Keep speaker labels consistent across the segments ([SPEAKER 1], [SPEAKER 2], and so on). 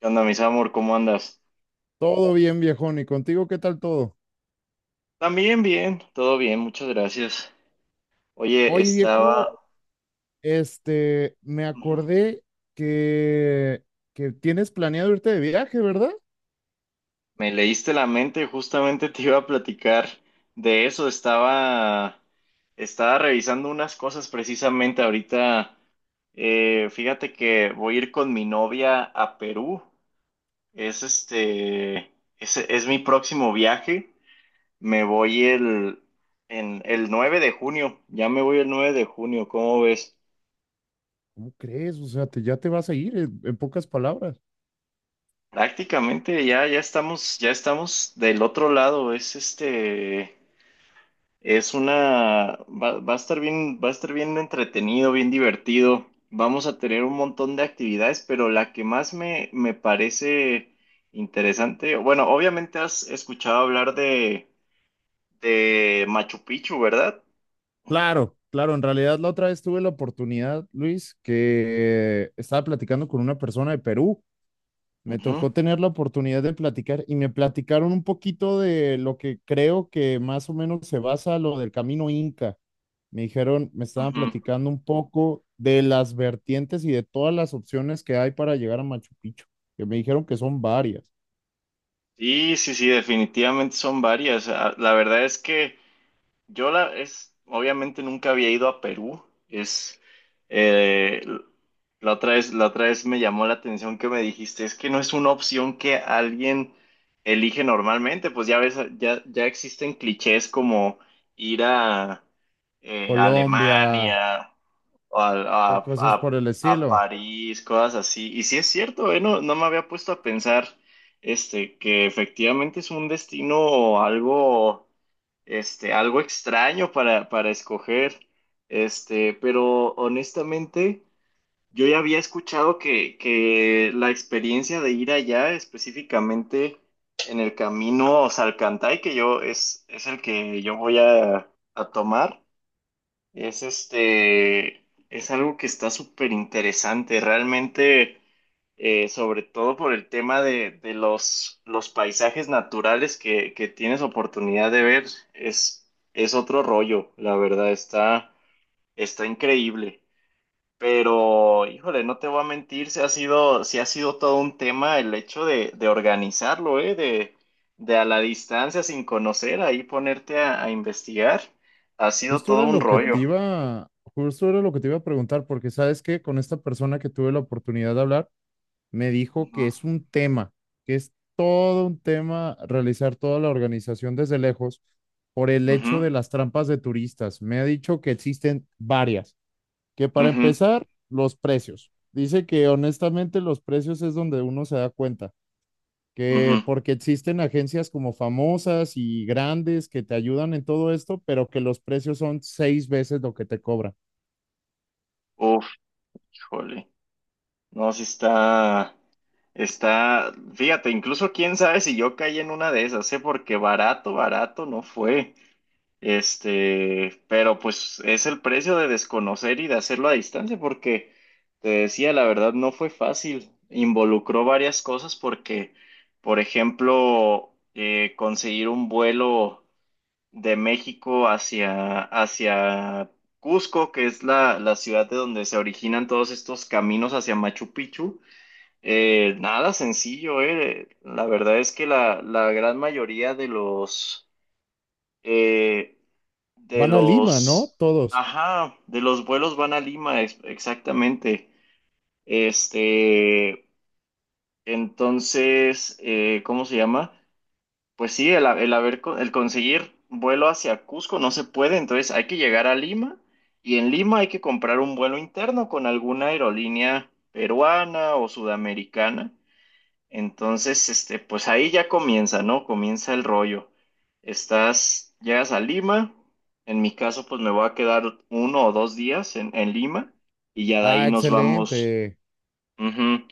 [SPEAKER 1] ¿Qué onda, mis amor? ¿Cómo andas?
[SPEAKER 2] Todo bien, viejón. ¿Y contigo qué tal todo?
[SPEAKER 1] También bien, todo bien, muchas gracias. Oye.
[SPEAKER 2] Oye, viejo, me
[SPEAKER 1] Ujú.
[SPEAKER 2] acordé que, que tienes planeado irte de viaje, ¿verdad?
[SPEAKER 1] Me leíste la mente, justamente te iba a platicar de eso. Estaba revisando unas cosas precisamente ahorita. Fíjate que voy a ir con mi novia a Perú. Es este... es mi próximo viaje. Me voy el... En el 9 de junio. Ya me voy el 9 de junio, ¿cómo ves?
[SPEAKER 2] ¿Cómo crees? O sea, ya te vas a ir, en pocas palabras.
[SPEAKER 1] Prácticamente ya estamos del otro lado. Es este, es una, va, va a estar bien, va a estar bien entretenido, bien divertido. Vamos a tener un montón de actividades, pero la que más me parece interesante. Bueno, obviamente has escuchado hablar de Machu Picchu, ¿verdad?
[SPEAKER 2] Claro, claro. En realidad, la otra vez tuve la oportunidad, Luis, que estaba platicando con una persona de Perú. Me
[SPEAKER 1] Ujú,
[SPEAKER 2] tocó tener la oportunidad de platicar y me platicaron un poquito de lo que creo que más o menos se basa lo del camino Inca. Me estaban
[SPEAKER 1] ujú.
[SPEAKER 2] platicando un poco de las vertientes y de todas las opciones que hay para llegar a Machu Picchu, que me dijeron que son varias.
[SPEAKER 1] Sí, sí, sí, definitivamente son varias. Ah, la verdad es que obviamente nunca había ido a Perú. Es eh, la otra vez me llamó la atención que me dijiste, es que no es una opción que alguien elige normalmente. Pues ya ves, ya existen clichés como ir a
[SPEAKER 2] Colombia
[SPEAKER 1] Alemania o a,
[SPEAKER 2] o
[SPEAKER 1] a-
[SPEAKER 2] cosas
[SPEAKER 1] a-
[SPEAKER 2] por el
[SPEAKER 1] a
[SPEAKER 2] estilo.
[SPEAKER 1] París, cosas así. Y sí es cierto, no, no me había puesto a pensar que efectivamente es un destino algo algo extraño para escoger. Pero honestamente yo ya había escuchado que la experiencia de ir allá, específicamente en el camino Salcantay, que es el que yo voy a tomar. es este, es algo que está súper interesante, realmente. Sobre todo por el tema de los paisajes naturales que tienes oportunidad de ver. Es otro rollo, la verdad. Está increíble. Pero, híjole, no te voy a mentir, sí ha sido todo un tema el hecho de organizarlo, ¿eh? De a la distancia, sin conocer, ahí ponerte a investigar. Ha sido
[SPEAKER 2] Justo
[SPEAKER 1] todo
[SPEAKER 2] era
[SPEAKER 1] un
[SPEAKER 2] lo que te
[SPEAKER 1] rollo.
[SPEAKER 2] iba, justo era lo que te iba a preguntar, porque sabes que con esta persona que tuve la oportunidad de hablar, me dijo
[SPEAKER 1] Ujú,
[SPEAKER 2] que es todo un tema realizar toda la organización desde lejos por el hecho
[SPEAKER 1] ujú,
[SPEAKER 2] de las trampas de turistas. Me ha dicho que existen varias, que para
[SPEAKER 1] ujú,
[SPEAKER 2] empezar, los precios. Dice que honestamente los precios es donde uno se da cuenta, que
[SPEAKER 1] ujú.
[SPEAKER 2] porque existen agencias como famosas y grandes que te ayudan en todo esto, pero que los precios son seis veces lo que te cobran.
[SPEAKER 1] Uf, híjole, no, sí está. Está, fíjate, incluso quién sabe si yo caí en una de esas, ¿eh? Porque barato, barato no fue. Pero pues es el precio de desconocer y de hacerlo a distancia, porque te decía, la verdad no fue fácil. Involucró varias cosas porque, por ejemplo, conseguir un vuelo de México hacia Cusco, que es la ciudad de donde se originan todos estos caminos hacia Machu Picchu. Nada sencillo. La verdad es que la gran mayoría de los eh, de
[SPEAKER 2] Van a Lima, ¿no?
[SPEAKER 1] los
[SPEAKER 2] Todos.
[SPEAKER 1] ajá, de los vuelos van a Lima, exactamente. Este, entonces, ¿cómo se llama? Pues sí, el, ha- el haber co- el conseguir vuelo hacia Cusco no se puede. Entonces hay que llegar a Lima y en Lima hay que comprar un vuelo interno con alguna aerolínea peruana o sudamericana. Entonces, pues ahí ya comienza, ¿no? Comienza el rollo. Llegas a Lima, en mi caso, pues me voy a quedar 1 o 2 días en Lima y ya de ahí
[SPEAKER 2] Ah,
[SPEAKER 1] nos vamos.
[SPEAKER 2] excelente.
[SPEAKER 1] Ujú.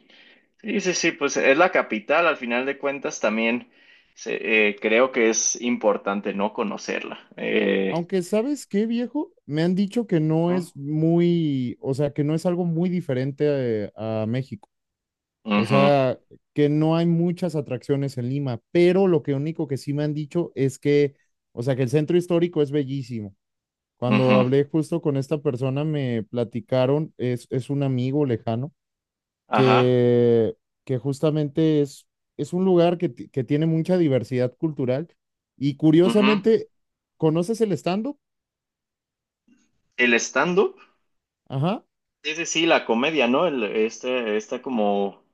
[SPEAKER 1] Sí, sí, sí, pues es la capital. Al final de cuentas también creo que es importante no conocerla.
[SPEAKER 2] Aunque, ¿sabes qué, viejo? Me han dicho que no
[SPEAKER 1] Ujú,
[SPEAKER 2] es muy, o sea, que no es algo muy diferente a México. O
[SPEAKER 1] ujú,
[SPEAKER 2] sea, que no hay muchas atracciones en Lima, pero lo que único que sí me han dicho es que, o sea, que el centro histórico es bellísimo. Cuando
[SPEAKER 1] ujú.
[SPEAKER 2] hablé justo con esta persona, me platicaron, es un amigo lejano,
[SPEAKER 1] Ajá,
[SPEAKER 2] que, que justamente es un lugar que tiene mucha diversidad cultural y
[SPEAKER 1] ujú.
[SPEAKER 2] curiosamente, ¿conoces el stand-up?
[SPEAKER 1] El stand-up,
[SPEAKER 2] Ajá.
[SPEAKER 1] sí, sí, sí, la comedia, ¿no? El, este, esta como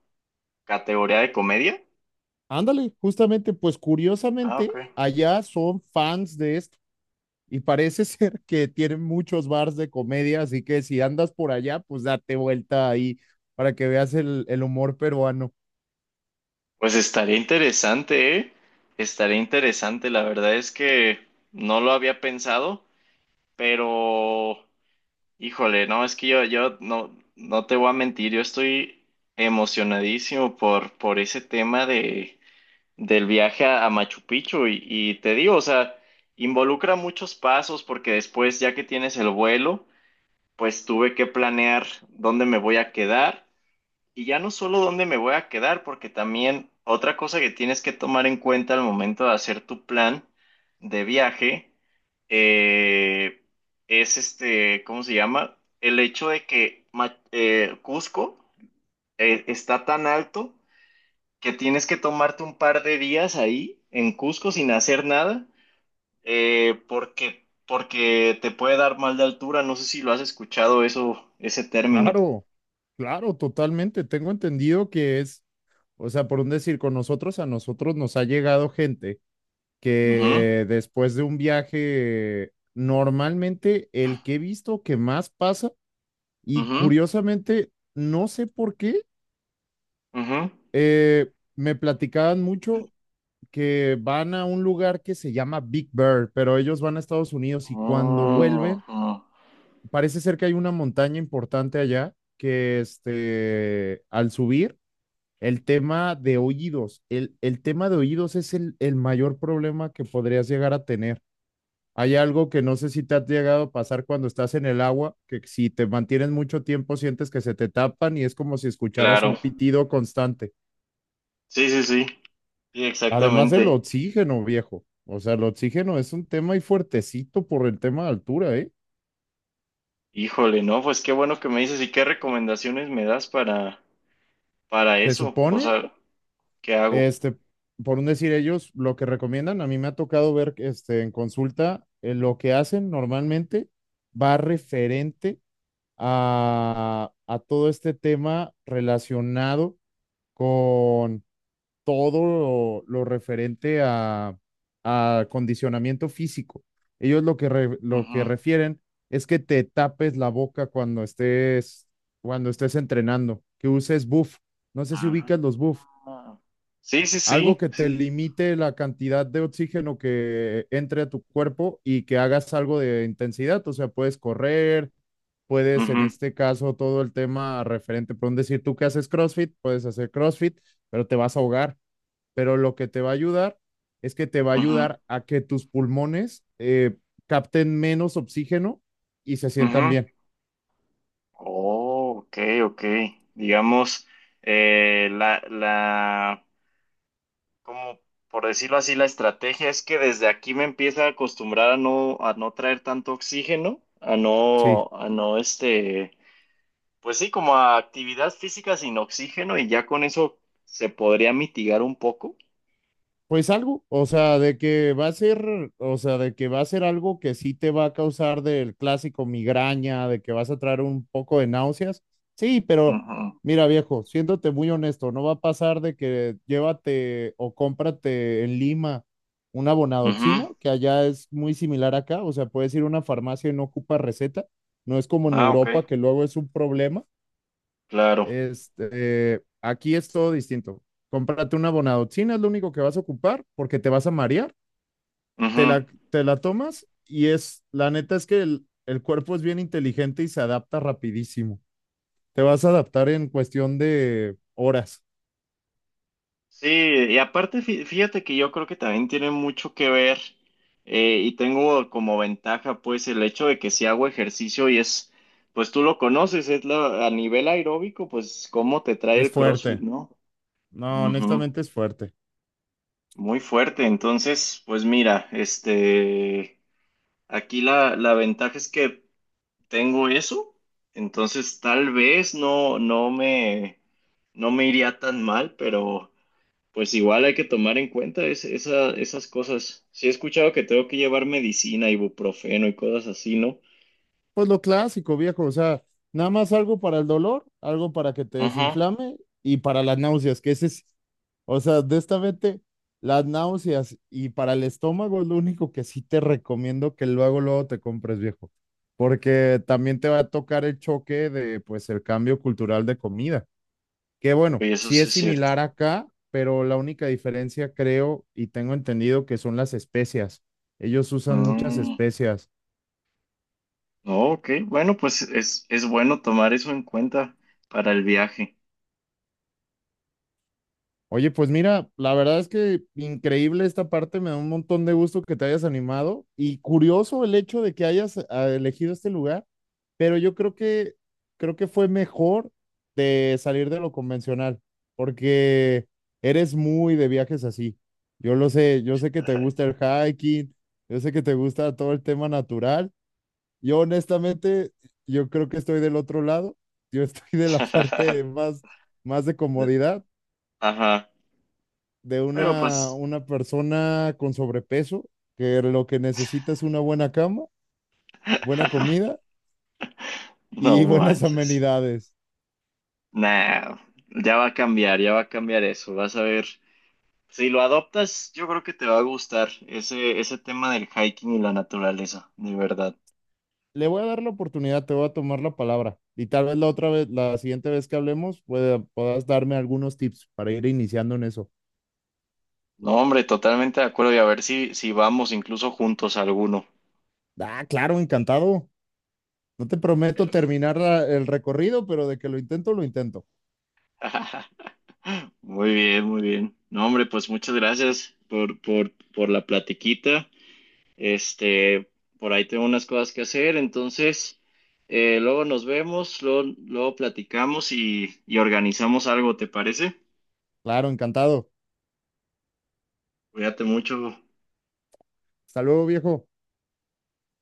[SPEAKER 1] ¿Categoría de comedia?
[SPEAKER 2] Ándale, justamente, pues
[SPEAKER 1] Ah, ok.
[SPEAKER 2] curiosamente, allá son fans de esto y parece ser que tienen muchos bars de comedia, así que si andas por allá, pues date vuelta ahí para que veas el humor peruano.
[SPEAKER 1] Pues estaría interesante, ¿eh? Estaría interesante. La verdad es que no lo había pensado, pero híjole, no, es que yo no, no te voy a mentir, yo estoy emocionadísimo por ese tema del viaje a Machu Picchu y te digo, o sea, involucra muchos pasos porque después, ya que tienes el vuelo, pues tuve que planear dónde me voy a quedar y ya no solo dónde me voy a quedar, porque también otra cosa que tienes que tomar en cuenta al momento de hacer tu plan de viaje eh, es ¿cómo se llama? El hecho de que Cusco está tan alto que tienes que tomarte un par de días ahí en Cusco sin hacer nada, porque te puede dar mal de altura. No sé si lo has escuchado eso, ese término.
[SPEAKER 2] Claro, claro, totalmente. Tengo entendido que es, o sea, por un decir, con nosotros, a nosotros nos ha llegado gente
[SPEAKER 1] Ujú,
[SPEAKER 2] que después de un viaje, normalmente el que he visto que más pasa y
[SPEAKER 1] ujú,
[SPEAKER 2] curiosamente, no sé por qué.
[SPEAKER 1] ujú.
[SPEAKER 2] Me platicaban mucho que van a un lugar que se llama Big Bear, pero ellos van a Estados Unidos y cuando
[SPEAKER 1] Ujú,
[SPEAKER 2] vuelven, parece ser que hay una montaña importante allá que al subir, el tema de oídos, el tema de oídos es el mayor problema que podrías llegar a tener. Hay algo que no sé si te ha llegado a pasar cuando estás en el agua, que si te mantienes mucho tiempo sientes que se te tapan y es como si escucharas un
[SPEAKER 1] claro.
[SPEAKER 2] pitido constante.
[SPEAKER 1] Sí, sí, sí. Sí,
[SPEAKER 2] Además del
[SPEAKER 1] exactamente.
[SPEAKER 2] oxígeno, viejo. O sea, el oxígeno es un tema y fuertecito por el tema de altura, ¿eh?
[SPEAKER 1] Híjole, no, pues qué bueno que me dices y qué recomendaciones me das para
[SPEAKER 2] Se
[SPEAKER 1] eso. O
[SPEAKER 2] supone,
[SPEAKER 1] sea, ¿qué hago?
[SPEAKER 2] este, por un decir ellos, lo que recomiendan, a mí me ha tocado ver, en consulta, lo que hacen normalmente va referente a todo este tema relacionado con todo lo referente a condicionamiento físico. Ellos lo que
[SPEAKER 1] Ujú.
[SPEAKER 2] refieren es que te tapes la boca cuando estés, entrenando, que uses buff. No sé si
[SPEAKER 1] Ah.
[SPEAKER 2] ubicas los buff.
[SPEAKER 1] Sí, sí,
[SPEAKER 2] Algo
[SPEAKER 1] sí,
[SPEAKER 2] que te
[SPEAKER 1] sí.
[SPEAKER 2] limite la cantidad de oxígeno que entre a tu cuerpo y que hagas algo de intensidad. O sea, puedes correr, puedes en
[SPEAKER 1] Ujú,
[SPEAKER 2] este caso todo el tema referente, por un decir, tú que haces CrossFit, puedes hacer CrossFit, pero te vas a ahogar, pero lo que te va a ayudar es que te va a
[SPEAKER 1] ujú,
[SPEAKER 2] ayudar a que tus pulmones capten menos oxígeno y se
[SPEAKER 1] ujú.
[SPEAKER 2] sientan bien.
[SPEAKER 1] Oh, ok, ok. Digamos, la como por decirlo así, la estrategia es que desde aquí me empieza a acostumbrar a no traer tanto oxígeno, a
[SPEAKER 2] Sí.
[SPEAKER 1] no, a no este, pues sí, como a actividad física sin oxígeno y ya con eso se podría mitigar un poco.
[SPEAKER 2] Pues algo, o sea, de que va a ser, o sea, de que va a ser algo que sí te va a causar del clásico migraña, de que vas a traer un poco de náuseas. Sí, pero mira, viejo, siéndote muy honesto, no va a pasar de que llévate o cómprate en Lima una
[SPEAKER 1] Ujú.
[SPEAKER 2] bonadoxina,
[SPEAKER 1] Ujú.
[SPEAKER 2] que allá es muy similar acá, o sea, puedes ir a una farmacia y no ocupa receta, no es como en
[SPEAKER 1] Ah, ok.
[SPEAKER 2] Europa que luego es un problema.
[SPEAKER 1] Claro.
[SPEAKER 2] Aquí es todo distinto. Cómprate una bonadotina, es lo único que vas a ocupar porque te vas a marear, te
[SPEAKER 1] Ujú.
[SPEAKER 2] la, te la tomas y es, la neta es que el cuerpo es bien inteligente y se adapta rapidísimo. Te vas a adaptar en cuestión de horas.
[SPEAKER 1] Sí, y aparte fíjate que yo creo que también tiene mucho que ver y tengo como ventaja pues el hecho de que si hago ejercicio pues tú lo conoces, a nivel aeróbico, pues cómo te trae
[SPEAKER 2] Es
[SPEAKER 1] el CrossFit,
[SPEAKER 2] fuerte.
[SPEAKER 1] ¿no?
[SPEAKER 2] No,
[SPEAKER 1] Ujú.
[SPEAKER 2] honestamente es fuerte.
[SPEAKER 1] Muy fuerte, entonces pues mira, aquí la ventaja es que tengo eso, entonces tal vez no, no me iría tan mal, pero. Pues igual hay que tomar en cuenta esas cosas. Sí he escuchado que tengo que llevar medicina, ibuprofeno y cosas así, ¿no?
[SPEAKER 2] Pues lo clásico, viejo, o sea, nada más algo para el dolor, algo para que te
[SPEAKER 1] Ajá,
[SPEAKER 2] desinflame y para las náuseas, que ese es, o sea, de esta vete, las náuseas y para el estómago es lo único que sí te recomiendo que luego, luego te compres, viejo, porque también te va a tocar el choque de, pues, el cambio cultural de comida, que bueno,
[SPEAKER 1] y eso
[SPEAKER 2] sí
[SPEAKER 1] sí
[SPEAKER 2] es
[SPEAKER 1] es cierto.
[SPEAKER 2] similar acá, pero la única diferencia creo y tengo entendido que son las especias. Ellos usan muchas
[SPEAKER 1] Mm,
[SPEAKER 2] especias.
[SPEAKER 1] no, ok, bueno, pues es bueno tomar eso en cuenta para el viaje.
[SPEAKER 2] Oye, pues mira, la verdad es que increíble esta parte, me da un montón de gusto que te hayas animado y curioso el hecho de que hayas elegido este lugar, pero yo creo que fue mejor de salir de lo convencional, porque eres muy de viajes así. Yo lo sé, yo sé que te gusta el hiking, yo sé que te gusta todo el tema natural. Yo honestamente, yo creo que estoy del otro lado, yo estoy de la parte más de comodidad,
[SPEAKER 1] Ajá,
[SPEAKER 2] de
[SPEAKER 1] pero
[SPEAKER 2] una,
[SPEAKER 1] pues,
[SPEAKER 2] una persona con sobrepeso, que lo que necesita es una buena cama, buena comida
[SPEAKER 1] no
[SPEAKER 2] y buenas
[SPEAKER 1] manches.
[SPEAKER 2] amenidades.
[SPEAKER 1] Nah, ya va a cambiar, ya va a cambiar eso, vas a ver. Si lo adoptas, yo creo que te va a gustar ese tema del hiking y la naturaleza, de verdad.
[SPEAKER 2] Le voy a dar la oportunidad, te voy a tomar la palabra y tal vez la otra vez, la siguiente vez que hablemos, puedas darme algunos tips para ir iniciando en eso.
[SPEAKER 1] No, hombre, totalmente de acuerdo. Y a ver si vamos incluso juntos a alguno.
[SPEAKER 2] Ah, claro, encantado. No te prometo
[SPEAKER 1] Perf-
[SPEAKER 2] terminar el recorrido, pero de que lo intento, lo intento.
[SPEAKER 1] Muy bien, muy bien. No, hombre, pues muchas gracias por la platiquita. Este, por ahí tengo unas cosas que hacer. Entonces, luego nos vemos, luego platicamos y organizamos algo, ¿te parece?
[SPEAKER 2] Claro, encantado.
[SPEAKER 1] Cuídate mucho.
[SPEAKER 2] Hasta luego, viejo.